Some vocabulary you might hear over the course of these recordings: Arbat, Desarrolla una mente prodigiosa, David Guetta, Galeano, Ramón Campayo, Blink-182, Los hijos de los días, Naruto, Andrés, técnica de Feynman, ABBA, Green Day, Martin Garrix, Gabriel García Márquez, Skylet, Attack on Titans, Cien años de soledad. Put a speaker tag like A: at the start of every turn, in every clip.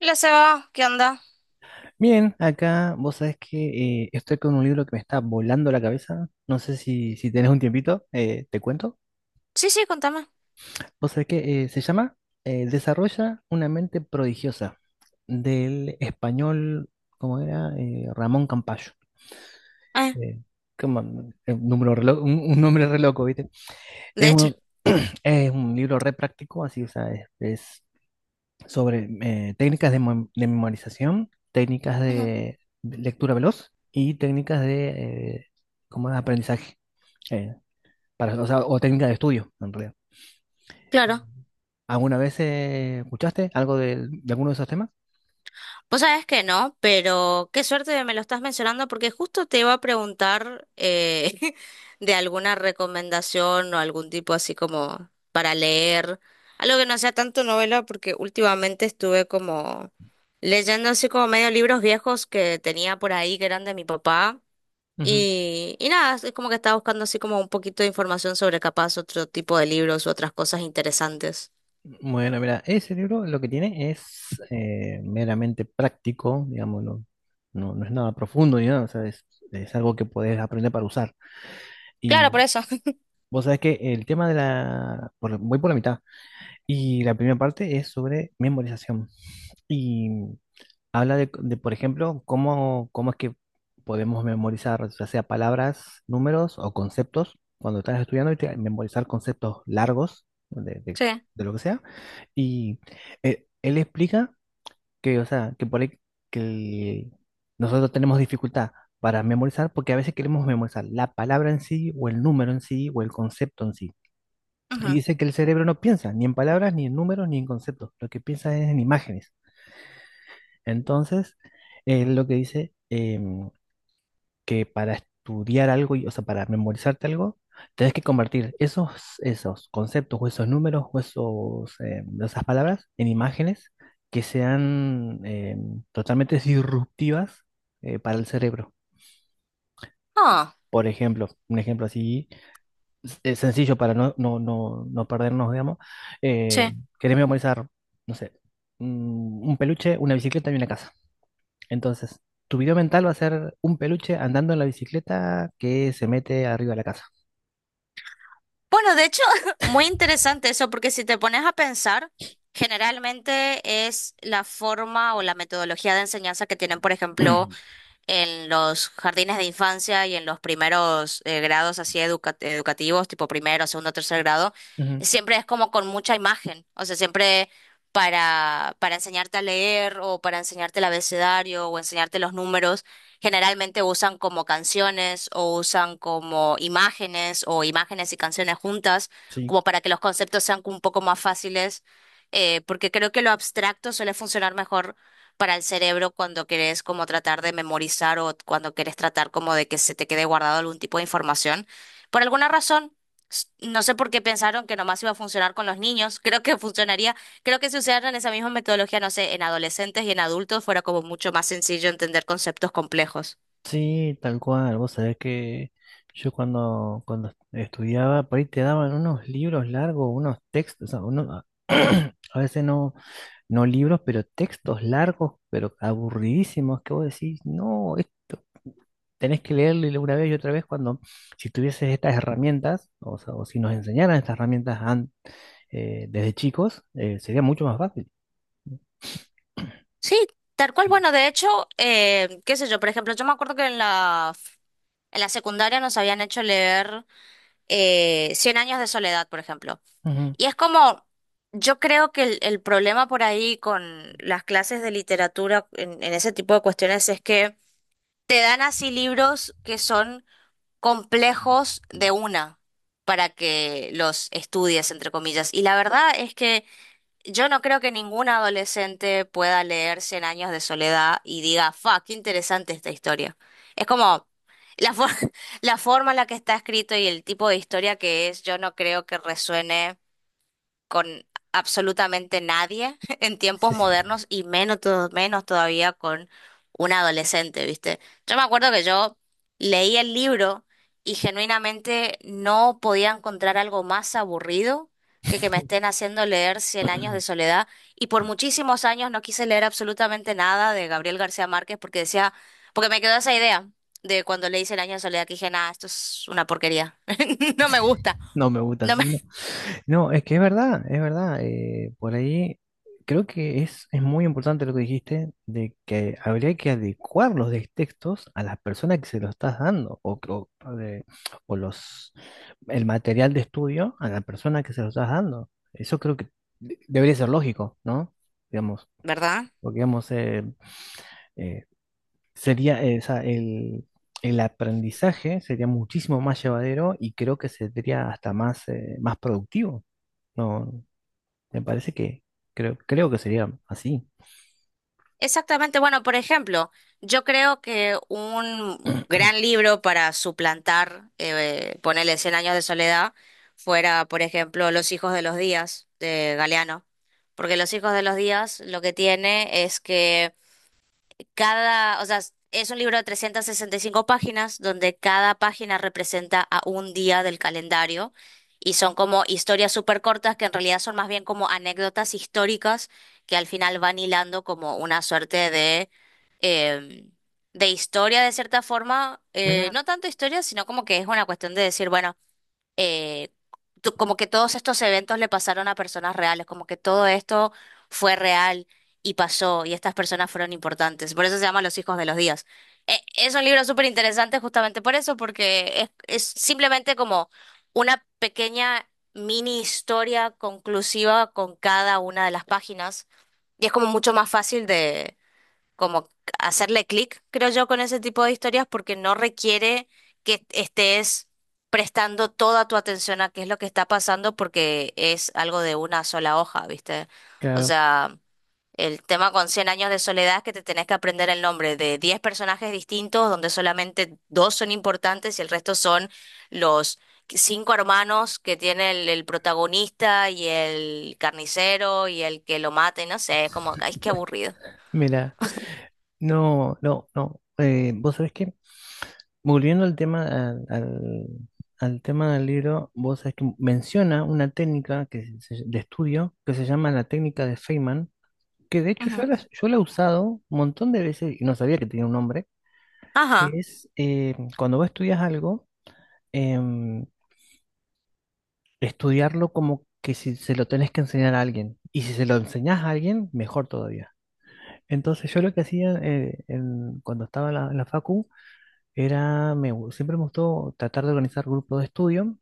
A: La Seba, ¿qué onda?
B: Bien, acá vos sabés que estoy con un libro que me está volando la cabeza. No sé si tenés un tiempito, te cuento.
A: Sí, sí, contame.
B: Vos sabés que se llama Desarrolla una mente prodigiosa, del español, ¿cómo era? Ramón Campayo.
A: Ah,
B: Eh, ¿Cómo? Un número re lo- un nombre re loco, ¿viste?
A: de
B: Es
A: hecho.
B: un, es un libro re práctico, así, o sea, es, sobre técnicas de, mem- de memorización, técnicas
A: Ujú.
B: de lectura veloz y técnicas de como de aprendizaje, eh, para, o sea, o técnicas de estudio, en realidad.
A: Claro.
B: ¿Alguna vez escuchaste algo del- de, alguno de esos temas?
A: Vos sabés que no, pero qué suerte que me lo estás mencionando porque justo te iba a preguntar de alguna recomendación o algún tipo así como para leer, algo que no sea tanto novela porque últimamente estuve como leyendo así como medio libros viejos que tenía por ahí que eran de mi papá
B: Ujú.
A: y nada, es como que estaba buscando así como un poquito de información sobre capaz otro tipo de libros u otras cosas interesantes.
B: Bueno, mira, ese libro lo que tiene es meramente práctico, digamos, no, no es nada profundo ni nada, o sea, es algo que puedes aprender para usar.
A: Claro,
B: Y
A: por eso.
B: vos sabés que el tema de la, por- voy por la mitad. Y la primera parte es sobre memorización. Y habla de, por ejemplo, cómo es que podemos memorizar, ya sea palabras, números o conceptos, cuando estás estudiando y te- memorizar conceptos largos
A: Sí.
B: de lo que sea. Y él explica o sea, que por ahí que el- nosotros tenemos dificultad para memorizar porque a veces queremos memorizar la palabra en sí o el número en sí o el concepto en sí. Y
A: Ujú.
B: dice que el cerebro no piensa ni en palabras, ni en números, ni en conceptos. Lo que piensa es en imágenes. Entonces, él lo que dice que para estudiar algo, y- o sea, para memorizarte algo, tenés que convertir esos conceptos o esos números o esas palabras en imágenes que sean totalmente disruptivas para el cerebro.
A: Ah.
B: Por ejemplo, un ejemplo así es sencillo para no perdernos, digamos. Eh,
A: Sí.
B: querés memorizar, no sé, un peluche, una bicicleta y una casa. Entonces, tu video mental va a ser un peluche andando en la bicicleta que se mete arriba de la casa.
A: Bueno, de hecho, muy interesante eso, porque si te pones a pensar, generalmente es la forma o la metodología de enseñanza que tienen, por ejemplo, en los jardines de infancia y en los primeros grados así educativos, tipo primero, segundo, tercer grado,
B: Ujú.
A: siempre es como con mucha imagen, o sea, siempre para enseñarte a leer o para enseñarte el abecedario o enseñarte los números, generalmente usan como canciones o usan como imágenes o imágenes y canciones juntas,
B: Sí,
A: como para que los conceptos sean un poco más fáciles. Porque creo que lo abstracto suele funcionar mejor para el cerebro cuando querés como tratar de memorizar o cuando querés tratar como de que se te quede guardado algún tipo de información. Por alguna razón, no sé por qué pensaron que nomás iba a funcionar con los niños, creo que funcionaría, creo que si usaran esa misma metodología, no sé, en adolescentes y en adultos fuera como mucho más sencillo entender conceptos complejos.
B: sí, tal cual. Vos sabés que yo cuando est- estudiaba, por ahí te daban unos libros largos, unos textos, o sea, uno- a veces no libros, pero textos largos, pero aburridísimos, que vos decís, no, esto tenés que leerlo y una vez y otra vez cuando si tuvieses estas herramientas, o sea, o si nos enseñaran estas herramientas an- desde chicos, sería mucho más fácil.
A: Sí, tal cual, bueno, de hecho, qué sé yo, por ejemplo, yo me acuerdo que en la... En la secundaria nos habían hecho leer Cien años de soledad, por ejemplo.
B: Ujú.
A: Y es como, yo creo que el problema por ahí con las clases de literatura en ese tipo de cuestiones es que te dan así libros que son complejos de una para que los estudies, entre comillas. Y la verdad es que yo no creo que ningún adolescente pueda leer Cien años de soledad y diga, fa, qué interesante esta historia. Es como la, for- la forma en la que está escrito y el tipo de historia que es, yo no creo que resuene con absolutamente nadie en
B: Sí,
A: tiempos
B: sí.
A: modernos y menos, menos todavía con un adolescente, ¿viste? Yo me acuerdo que yo leí el libro y genuinamente no podía encontrar algo más aburrido que me estén haciendo leer Cien años de soledad y por muchísimos años no quise leer absolutamente nada de Gabriel García Márquez porque decía, porque me quedó esa idea. De cuando leí Cien años de soledad, que dije, nada, esto es una porquería. No me gusta.
B: No me gusta
A: No me...
B: así, no. No, es que es verdad, es verdad. Por ahí creo que es muy importante lo que dijiste, de que habría que adecuar los de- textos a las personas que se lo estás dando, de- o los, el material de estudio a la persona que se lo estás dando. Eso creo que de- debería ser lógico, ¿no? Digamos,
A: ¿Verdad?
B: porque digamos, eh, sería, o sea, el aprendizaje sería muchísimo más llevadero y creo que sería hasta más, más productivo. No. Me parece que creo que sería así.
A: Exactamente. Bueno, por ejemplo, yo creo que un gran libro para suplantar, ponerle Cien años de soledad, fuera, por ejemplo, Los hijos de los días de Galeano. Porque Los hijos de los días lo que tiene es que cada, o sea, es un libro de 365 páginas donde cada página representa a un día del calendario y son como historias súper cortas que en realidad son más bien como anécdotas históricas que al final van hilando como una suerte eh, de historia de cierta forma. eh,
B: Mira,
A: no tanto historia, sino como que es una cuestión de decir, bueno, eh, como que todos estos eventos le pasaron a personas reales, como que todo esto fue real y pasó y estas personas fueron importantes. Por eso se llama Los hijos de los días. Es un libro súper interesante justamente por eso, porque es, simplemente como una pequeña mini historia conclusiva con cada una de las páginas y es como mucho más fácil como hacerle clic, creo yo, con ese tipo de historias porque no requiere que estés prestando toda tu atención a qué es lo que está pasando porque es algo de una sola hoja, ¿viste? O
B: claro,
A: sea, el tema con Cien años de soledad es que te tenés que aprender el nombre de 10 personajes distintos donde solamente dos son importantes y el resto son los cinco hermanos que tiene el protagonista y el carnicero y el que lo mata y no sé, es como, ay, qué aburrido.
B: mira, no. Vos sabés que, volviendo al tema, al tema del libro, vos sabés que menciona una técnica que se- de estudio que se llama la técnica de Feynman, que de hecho
A: Ujú.
B: yo la he usado un montón de veces y no sabía que tenía un nombre,
A: Ajá.
B: que es cuando vos estudias algo, em, estudiarlo como que si se lo tenés que enseñar a alguien. Y si se lo enseñás a alguien, mejor todavía. Entonces yo lo que hacía en- cuando estaba en la facu era, siempre me gustó tratar de organizar grupos de estudio,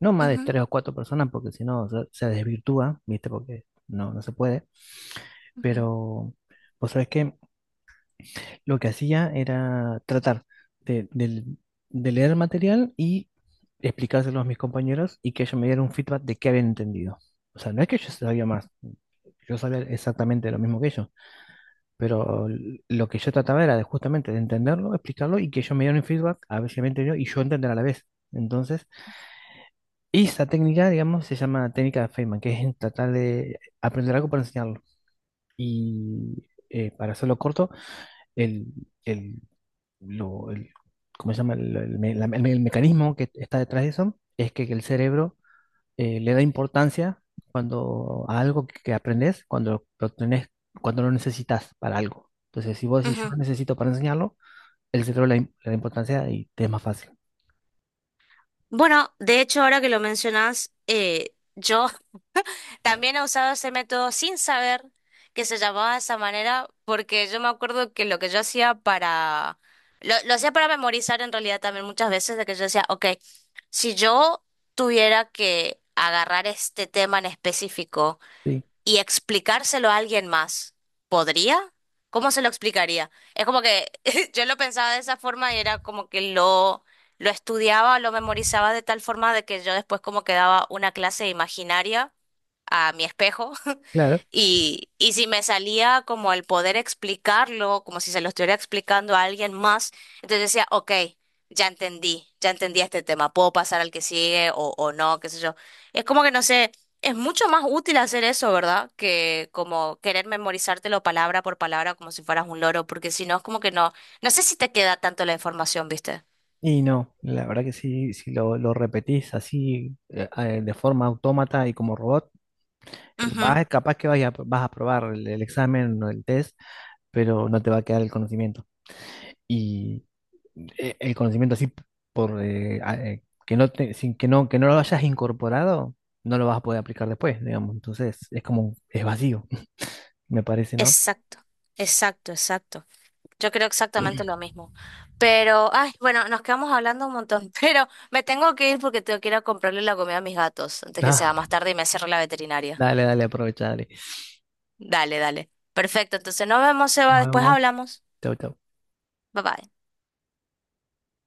B: no más de
A: Ujú,
B: tres o cuatro personas porque si no se desvirtúa, ¿viste? Porque no se puede,
A: ujú,
B: pero pues sabes que lo que hacía era tratar de, del- de leer el material y explicárselo a mis compañeros y que ellos me dieran un feedback de qué habían entendido. O sea, no es que yo sabía más, yo sabía exactamente lo mismo que ellos, pero lo que yo trataba era de justamente de entenderlo, explicarlo y que ellos me dieran un feedback, a ver si me entendió y yo entender a la vez. Entonces, esa técnica, digamos, se llama técnica de Feynman, que es tratar de aprender algo para enseñarlo. Y para hacerlo corto, el, el, lo- el- ¿cómo se llama? El me- la- el me- el mecanismo que está detrás de eso es que el cerebro le da importancia cuando a algo que aprendes, cuando lo tenés, cuando lo necesitas para algo. Entonces, si vos decís, yo
A: ujú.
B: lo necesito para enseñarlo, el cerebro le da importancia y te es más fácil.
A: Bueno, de hecho, ahora que lo mencionas, yo también he usado ese método sin saber que se llamaba de esa manera, porque yo me acuerdo que lo que yo hacía para. Lo hacía para memorizar en realidad también muchas veces, de que yo decía, ok, si yo tuviera que agarrar este tema en específico,
B: Sí,
A: y explicárselo a alguien más, ¿podría? ¿Cómo se lo explicaría? Es como que yo lo pensaba de esa forma y era como que lo estudiaba, lo memorizaba de tal forma de que yo después como que daba una clase imaginaria a mi espejo
B: claro.
A: y si me salía como el poder explicarlo, como si se lo estuviera explicando a alguien más, entonces decía, ok, ya entendí este tema, puedo pasar al que sigue o no, qué sé yo. Es como que no sé, es mucho más útil hacer eso, ¿verdad? Que como querer memorizártelo palabra por palabra como si fueras un loro, porque si no es como que no, no sé si te queda tanto la información, ¿viste?
B: Y no, la verdad que sí, si lo repetís así de forma autómata y como robot,
A: Ujú.
B: vas, capaz que vaya- vas a probar el examen o el test, pero no te va a quedar el conocimiento. Y el conocimiento así por que no te- sin que no lo hayas incorporado, no lo vas a poder aplicar después, digamos. Entonces, es como es vacío, me parece, ¿no?
A: Exacto, exacto, exacto. Yo creo exactamente lo mismo. Pero, ay, bueno, nos quedamos hablando un montón, pero me tengo que ir porque tengo que ir a comprarle la comida a mis gatos antes que
B: Ah,
A: sea más tarde y me cierre la veterinaria.
B: dale, dale, aprovecha, dale.
A: Dale, dale. Perfecto, entonces nos vemos,
B: Nos
A: Eva, después
B: vemos.
A: hablamos.
B: Chau, chau.
A: Bye bye.